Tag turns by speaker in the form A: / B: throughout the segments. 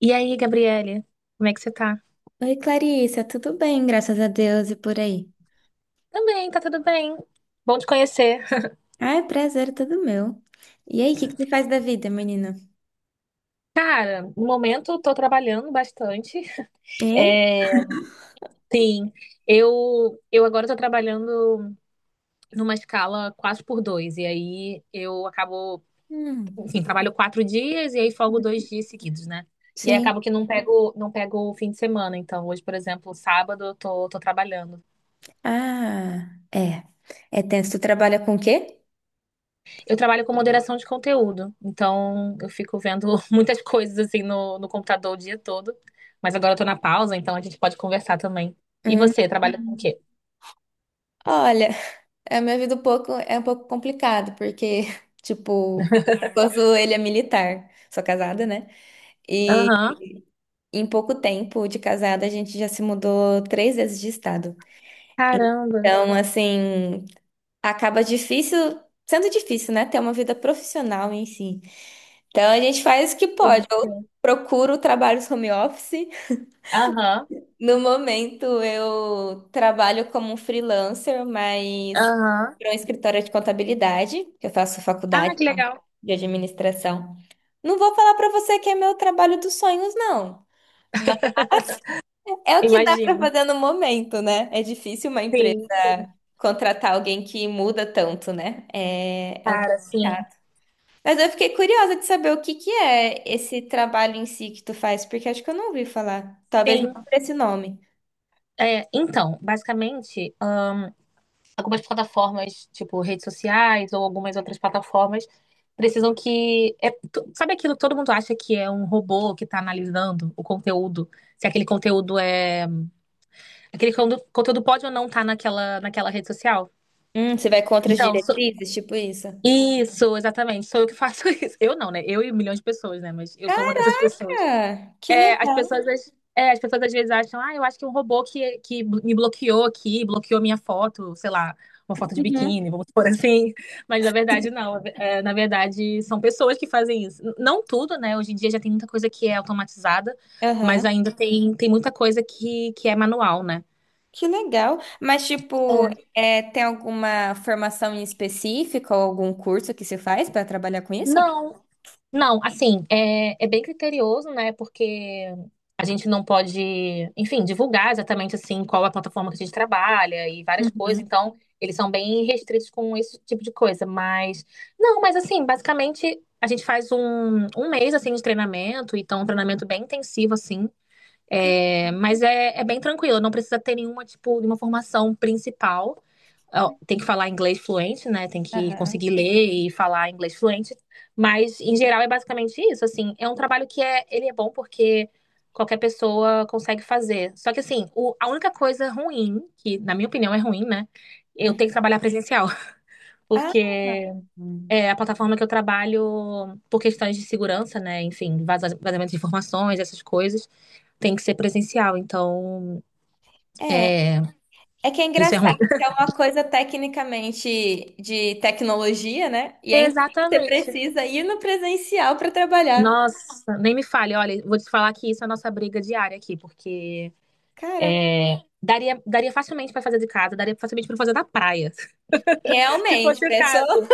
A: E aí, Gabriele, como é que você tá?
B: Oi, Clarissa, tudo bem? Graças a Deus e por aí.
A: Também, tá tudo bem. Bom te conhecer.
B: Ai, prazer, é tudo meu. E aí, o que que tu faz da vida, menina?
A: Cara, no momento eu tô trabalhando bastante.
B: E?
A: É, sim, eu agora tô trabalhando numa escala 4 por dois. E aí eu acabo,
B: Hum,
A: enfim, Trabalho quatro dias e aí folgo dois dias seguidos, né? E aí
B: sim.
A: acabo que não pego o fim de semana. Então, hoje, por exemplo, sábado eu tô trabalhando.
B: Ah, é. É tenso. Tu trabalha com o quê?
A: Eu trabalho com moderação de conteúdo, então eu fico vendo muitas coisas assim no computador o dia todo. Mas agora eu tô na pausa, então a gente pode conversar também. E
B: Hum.
A: você, trabalha com o quê?
B: Olha, a minha vida é um pouco complicado, porque, tipo, o esposo, ele é militar. Sou casada, né? E
A: Aham.
B: em pouco tempo de casada, a gente já se mudou 3 vezes de estado.
A: Caramba.
B: Então, assim, acaba sendo difícil, né? Ter uma vida profissional em si. Então a gente faz o que pode.
A: Sim,
B: Eu
A: sim.
B: procuro trabalhos home office.
A: Aham.
B: No momento eu trabalho como freelancer, mas
A: Aham.
B: para um escritório de contabilidade, que eu faço
A: Ah,
B: faculdade
A: que legal.
B: de administração. Não vou falar para você que é meu trabalho dos sonhos, não. Mas é o que dá para
A: Imagino.
B: fazer no momento, né? É difícil uma empresa
A: Sim, sim.
B: contratar alguém que muda tanto, né? É um pouco
A: Cara, sim.
B: chato. Mas eu fiquei curiosa de saber o que que é esse trabalho em si que tu faz, porque acho que eu não ouvi falar. Talvez não
A: Sim.
B: por esse nome.
A: É, então, basicamente, algumas plataformas, tipo redes sociais ou algumas outras plataformas, precisam que sabe aquilo que todo mundo acha que é um robô que está analisando o conteúdo? Se aquele conteúdo é. Aquele conteúdo pode ou não estar naquela rede social?
B: Você vai contra as
A: Então, sou-
B: diretrizes, tipo isso?
A: isso, exatamente. Sou eu que faço isso. Eu não, né? Eu e milhões de pessoas, né? Mas eu sou uma dessas pessoas.
B: Cara, que
A: É, as
B: legal.
A: é, as pessoas às vezes acham, ah, eu acho que é um robô que me bloqueou aqui, bloqueou minha foto, sei lá, uma foto de
B: Uhum.
A: biquíni, vamos por assim. Mas na verdade, não. É, na verdade, são pessoas que fazem isso. Não tudo, né? Hoje em dia já tem muita coisa que é automatizada, mas
B: Aham.
A: ainda tem muita coisa que é manual, né?
B: Que legal. Mas, tipo,
A: É.
B: tem alguma formação em específica ou algum curso que se faz para trabalhar com isso?
A: Não, Não, assim, é bem criterioso, né? Porque a gente não pode, enfim, divulgar exatamente assim qual é a plataforma que a gente trabalha e várias coisas.
B: Uhum.
A: Então, eles são bem restritos com esse tipo de coisa. Mas, não, mas assim, basicamente a gente faz um mês assim de treinamento, então é um treinamento bem intensivo assim.
B: Que
A: É, mas é bem tranquilo, não precisa ter nenhuma, tipo, nenhuma formação principal. Ó,
B: legal.
A: tem que falar inglês fluente, né? Tem que
B: Aham.
A: conseguir ler e falar inglês fluente. Mas, em geral, é basicamente isso. Assim, é um trabalho que é, ele é bom porque qualquer pessoa consegue fazer. Só que, assim, a única coisa ruim, que na minha opinião é ruim, né? Eu
B: Hum.
A: tenho que trabalhar presencial,
B: Ah,
A: porque é a plataforma que eu trabalho por questões de segurança, né? Enfim, vazamento de informações, essas coisas, tem que ser presencial. Então,
B: é.
A: é,
B: É que é
A: isso é
B: engraçado,
A: ruim.
B: que é uma coisa tecnicamente de tecnologia, né? E ainda assim você
A: Exatamente.
B: precisa ir no presencial para trabalhar.
A: Nossa, nem me fale. Olha, vou te falar que isso é a nossa briga diária aqui, porque
B: Cara,
A: é, daria facilmente pra fazer de casa, daria facilmente pra fazer da praia, se
B: realmente,
A: fosse o
B: pessoa.
A: caso.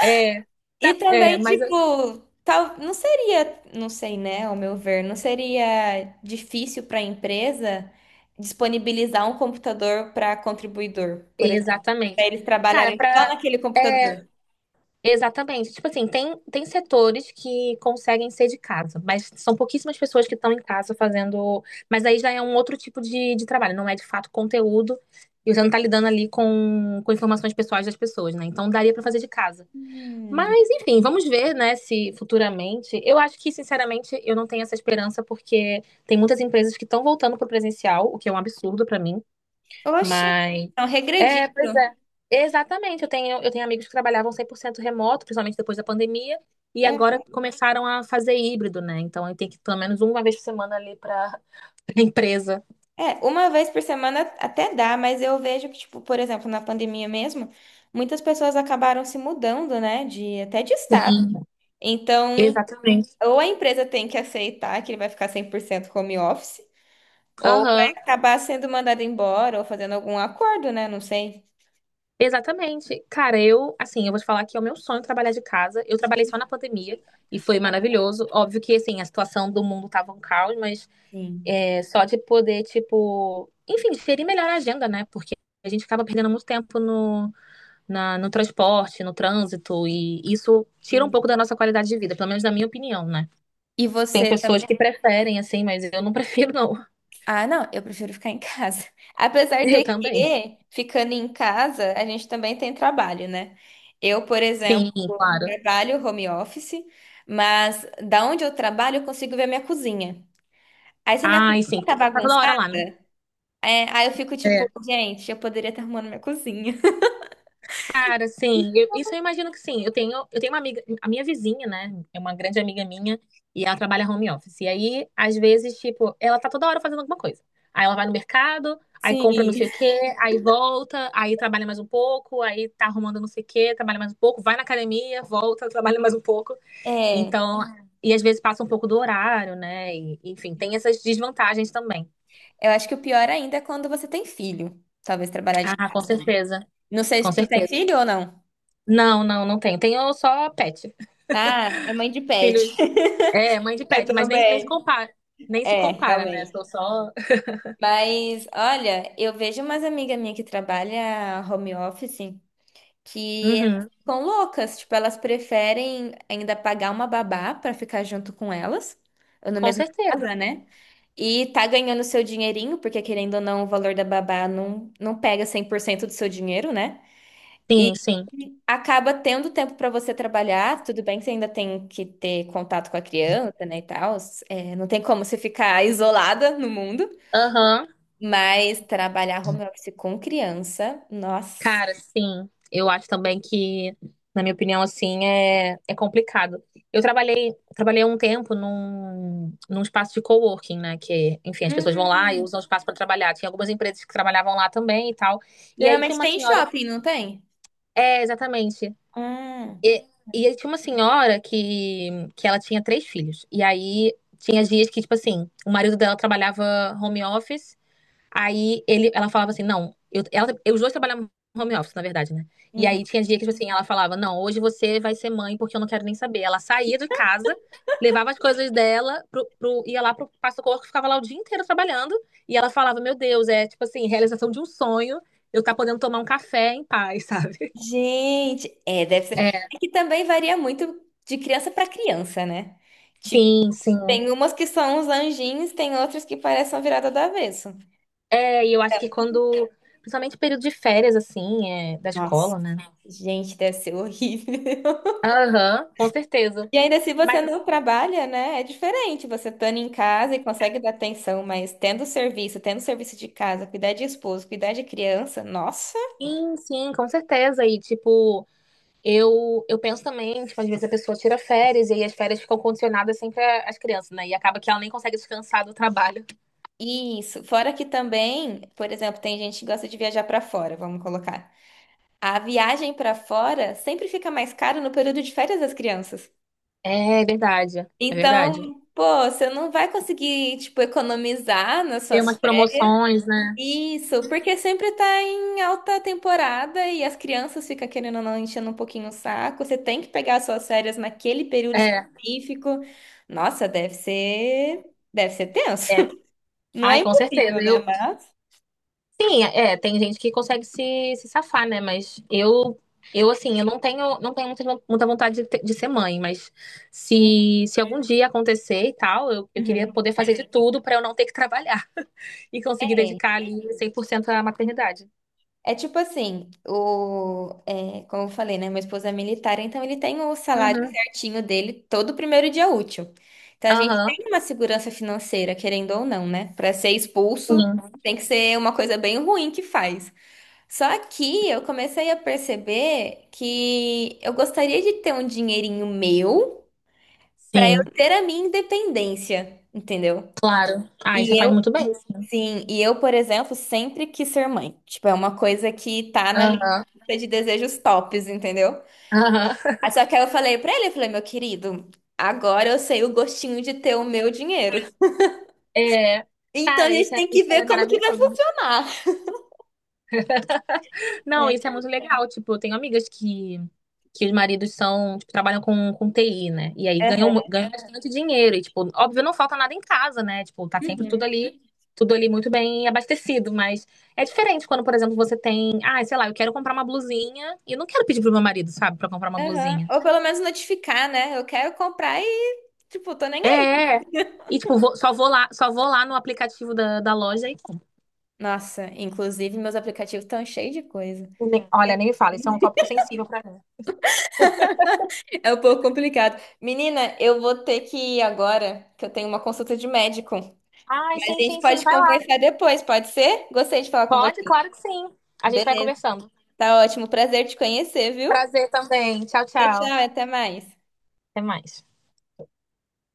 A: É,
B: E
A: é,
B: também,
A: mas assim,
B: tipo, tal, não seria, não sei, né, ao meu ver, não seria difícil para a empresa disponibilizar um computador para contribuidor, por exemplo, para
A: exatamente.
B: eles
A: Cara,
B: trabalharem só
A: pra
B: naquele
A: é,
B: computador.
A: exatamente. Tipo assim, tem setores que conseguem ser de casa, mas são pouquíssimas pessoas que estão em casa fazendo. Mas aí já é um outro tipo de trabalho, não é de fato conteúdo, e você não tá lidando ali com informações pessoais das pessoas, né? Então daria pra fazer de casa.
B: Hum.
A: Mas, enfim, vamos ver, né, se futuramente. Eu acho que, sinceramente, eu não tenho essa esperança, porque tem muitas empresas que estão voltando para o presencial, o que é um absurdo para mim.
B: Oxi,
A: Mas.
B: estão
A: É, pois
B: regredindo.
A: é. Exatamente. Eu tenho amigos que trabalhavam 100% remoto, principalmente depois da pandemia, e agora começaram a fazer híbrido, né? Então, eu tenho que ir pelo menos uma vez por semana ali para a empresa.
B: É, uma vez por semana até dá, mas eu vejo que, tipo, por exemplo, na pandemia mesmo, muitas pessoas acabaram se mudando, né, de até de estado.
A: Sim,
B: Então,
A: exatamente.
B: ou a empresa tem que aceitar que ele vai ficar 100% home office, ou vai
A: Aham.
B: acabar sendo mandado embora ou fazendo algum acordo, né, não sei.
A: Exatamente. Cara, eu, assim, eu vou te falar que é o meu sonho trabalhar de casa. Eu trabalhei só na pandemia e foi maravilhoso. Óbvio que, assim, a situação do mundo tava um caos, mas
B: Sim.
A: é, só de poder, tipo, enfim, gerir melhor a agenda, né? Porque a gente acaba perdendo muito tempo no transporte, no trânsito, e isso tira um
B: Sim.
A: pouco da nossa qualidade de vida, pelo menos na minha opinião, né?
B: E
A: Tem
B: você
A: pessoas que preferem, assim, mas eu não prefiro, não.
B: Ah, não, eu prefiro ficar em casa. Apesar de
A: Eu também.
B: que, ficando em casa, a gente também tem trabalho, né? Eu, por exemplo,
A: Sim, claro.
B: trabalho home office, mas da onde eu trabalho, eu consigo ver a minha cozinha. Aí se a minha cozinha
A: Ai, sim, tá
B: tá
A: toda hora lá,
B: bagunçada,
A: né?
B: aí eu fico tipo,
A: É.
B: gente, eu poderia estar arrumando minha cozinha.
A: Cara, sim, isso eu imagino que sim. Eu tenho uma amiga, a minha vizinha, né? É uma grande amiga minha e ela trabalha home office. E aí, às vezes, tipo, ela tá toda hora fazendo alguma coisa. Aí ela vai no mercado, aí compra não
B: Sim.
A: sei o quê, aí volta, aí trabalha mais um pouco, aí tá arrumando não sei o quê, trabalha mais um pouco, vai na academia, volta, trabalha mais um pouco.
B: É,
A: Então, e às vezes passa um pouco do horário, né? E, enfim, tem essas desvantagens também.
B: eu acho que o pior ainda é quando você tem filho. Talvez trabalhar de
A: Ah, com
B: casa, né?
A: certeza,
B: Não sei
A: com
B: se tu tem
A: certeza.
B: filho ou não.
A: Não, não tenho. Tenho só pet.
B: Ah, é mãe de pet.
A: Filhos. É, mãe de
B: Eu
A: pet, mas nem se
B: também.
A: compara, nem se
B: É,
A: compara, né?
B: realmente.
A: Tô só.
B: Mas, olha, eu vejo umas amigas minhas que trabalham home office que elas
A: Uhum.
B: ficam loucas. Tipo, elas preferem ainda pagar uma babá pra ficar junto com elas, ou na
A: Com
B: mesma casa,
A: certeza.
B: né? E tá ganhando seu dinheirinho, porque querendo ou não, o valor da babá não pega 100% do seu dinheiro, né? E
A: Sim, sim.
B: acaba tendo tempo pra você trabalhar. Tudo bem que você ainda tem que ter contato com a criança, né, e tal. É, não tem como você ficar isolada no mundo.
A: Aham.
B: Mas trabalhar home office com criança, nossa.
A: Cara, sim. Eu acho também que, na minha opinião, assim, é, é complicado. Eu trabalhei um tempo num espaço de coworking, né? Que, enfim, as pessoas vão lá e
B: Hum.
A: usam o espaço para trabalhar. Tinha algumas empresas que trabalhavam lá também e tal. E aí tinha
B: Geralmente
A: uma
B: tem em
A: senhora.
B: shopping, não tem?
A: É, exatamente.
B: Ah,
A: E, e aí tinha uma senhora que ela tinha 3 filhos. E aí tinha dias que, tipo assim, o marido dela trabalhava home office. Aí ele, ela falava assim, não, eu, ela, eu- os dois trabalhavam home office, na verdade, né? E
B: uhum.
A: aí tinha dia que, tipo assim, ela falava, não, hoje você vai ser mãe porque eu não quero nem saber. Ela saía de casa, levava as coisas dela, ia lá pro passa-corpo, ficava lá o dia inteiro trabalhando. E ela falava, meu Deus, é tipo assim, realização de um sonho, eu tá podendo tomar um café em paz, sabe?
B: Gente, deve ser.
A: É,
B: É que também varia muito de criança para criança, né? Tipo,
A: sim, sim.
B: tem umas que são uns anjinhos, tem outras que parecem uma virada do avesso.
A: É, e eu acho que quando. Principalmente período de férias, assim, é, da
B: Nossa,
A: escola, né?
B: gente, deve ser horrível.
A: Aham, com certeza.
B: E ainda se você
A: Mas
B: não trabalha, né? É diferente. Você estando em casa e consegue dar atenção, mas tendo serviço de casa, cuidar de esposo, cuidar de criança, nossa.
A: assim, sim, com certeza. E, tipo, eu penso também, tipo, às vezes a pessoa tira férias e aí as férias ficam condicionadas sempre às crianças, né? E acaba que ela nem consegue descansar do trabalho.
B: Isso. Fora que também, por exemplo, tem gente que gosta de viajar pra fora, vamos colocar. A viagem pra fora sempre fica mais caro no período de férias das crianças.
A: É verdade, é verdade.
B: Então, pô, você não vai conseguir, tipo, economizar nas
A: Tem
B: suas.
A: umas promoções, né?
B: Isso, porque sempre tá em alta temporada e as crianças ficam querendo ou não enchendo um pouquinho o saco. Você tem que pegar suas férias naquele período
A: É,
B: específico. Nossa, deve ser tenso.
A: é.
B: Não
A: Ai,
B: é
A: com certeza.
B: impossível, né?
A: Eu,
B: Mas.
A: sim, é, tem gente que consegue se safar, né? Mas eu assim, eu não tenho muita, muita vontade de, de ser mãe, mas se algum dia acontecer e tal, eu queria
B: Uhum.
A: poder fazer de tudo pra eu não ter que trabalhar e conseguir dedicar ali 100% à maternidade.
B: É tipo assim, como eu falei, né? Meu esposo é militar, então ele tem o salário
A: Uhum.
B: certinho dele todo primeiro dia útil. Então a gente
A: Aham.
B: tem uma segurança financeira, querendo ou não, né? Para ser expulso,
A: Sim,
B: tem que ser uma coisa bem ruim que faz. Só que eu comecei a perceber que eu gostaria de ter um dinheirinho meu para eu
A: sim,
B: ter a minha independência, entendeu?
A: claro. Ah,
B: E
A: isso você faz muito bem.
B: Sim, e eu, por exemplo, sempre quis ser mãe. Tipo, é uma coisa que tá na minha
A: Aham.
B: lista de desejos tops, entendeu?
A: Aham.
B: Aí Só que aí eu falei pra ele, eu falei, meu querido, agora eu sei o gostinho de ter o meu dinheiro.
A: É,
B: Então a
A: cara,
B: gente
A: isso é,
B: tem que
A: isso
B: ver
A: é
B: como que vai
A: maravilhoso.
B: funcionar.
A: Não,
B: É.
A: isso é muito legal. Tipo, eu tenho amigas que os maridos são, tipo, trabalham com TI, né? E aí ganham,
B: Aham.
A: ganham bastante dinheiro. E, tipo, óbvio, não falta nada em casa, né? Tipo, tá sempre
B: Uhum.
A: tudo ali muito bem abastecido. Mas é diferente quando, por exemplo, você tem, ah, sei lá, eu quero comprar uma blusinha e eu não quero pedir pro meu marido, sabe, pra comprar uma
B: Aham.
A: blusinha.
B: Ou pelo menos notificar, né? Eu quero comprar e, tipo, tô nem aí.
A: É. E, tipo, só vou lá no aplicativo da loja e compro.
B: Nossa, inclusive meus aplicativos estão cheios de coisa.
A: Olha, nem me fala, isso é um tópico sensível pra mim.
B: É um pouco complicado. Menina, eu vou ter que ir agora, que eu tenho uma consulta de médico.
A: Ai,
B: Mas
A: sim,
B: a gente
A: sim, sim,
B: pode
A: vai lá.
B: conversar depois, pode ser? Gostei de falar com
A: Pode,
B: você.
A: claro que sim. A gente vai
B: Beleza,
A: conversando.
B: tá ótimo. Prazer te conhecer, viu?
A: Prazer também. Tchau,
B: Tchau,
A: tchau.
B: tchau, até mais.
A: Até mais.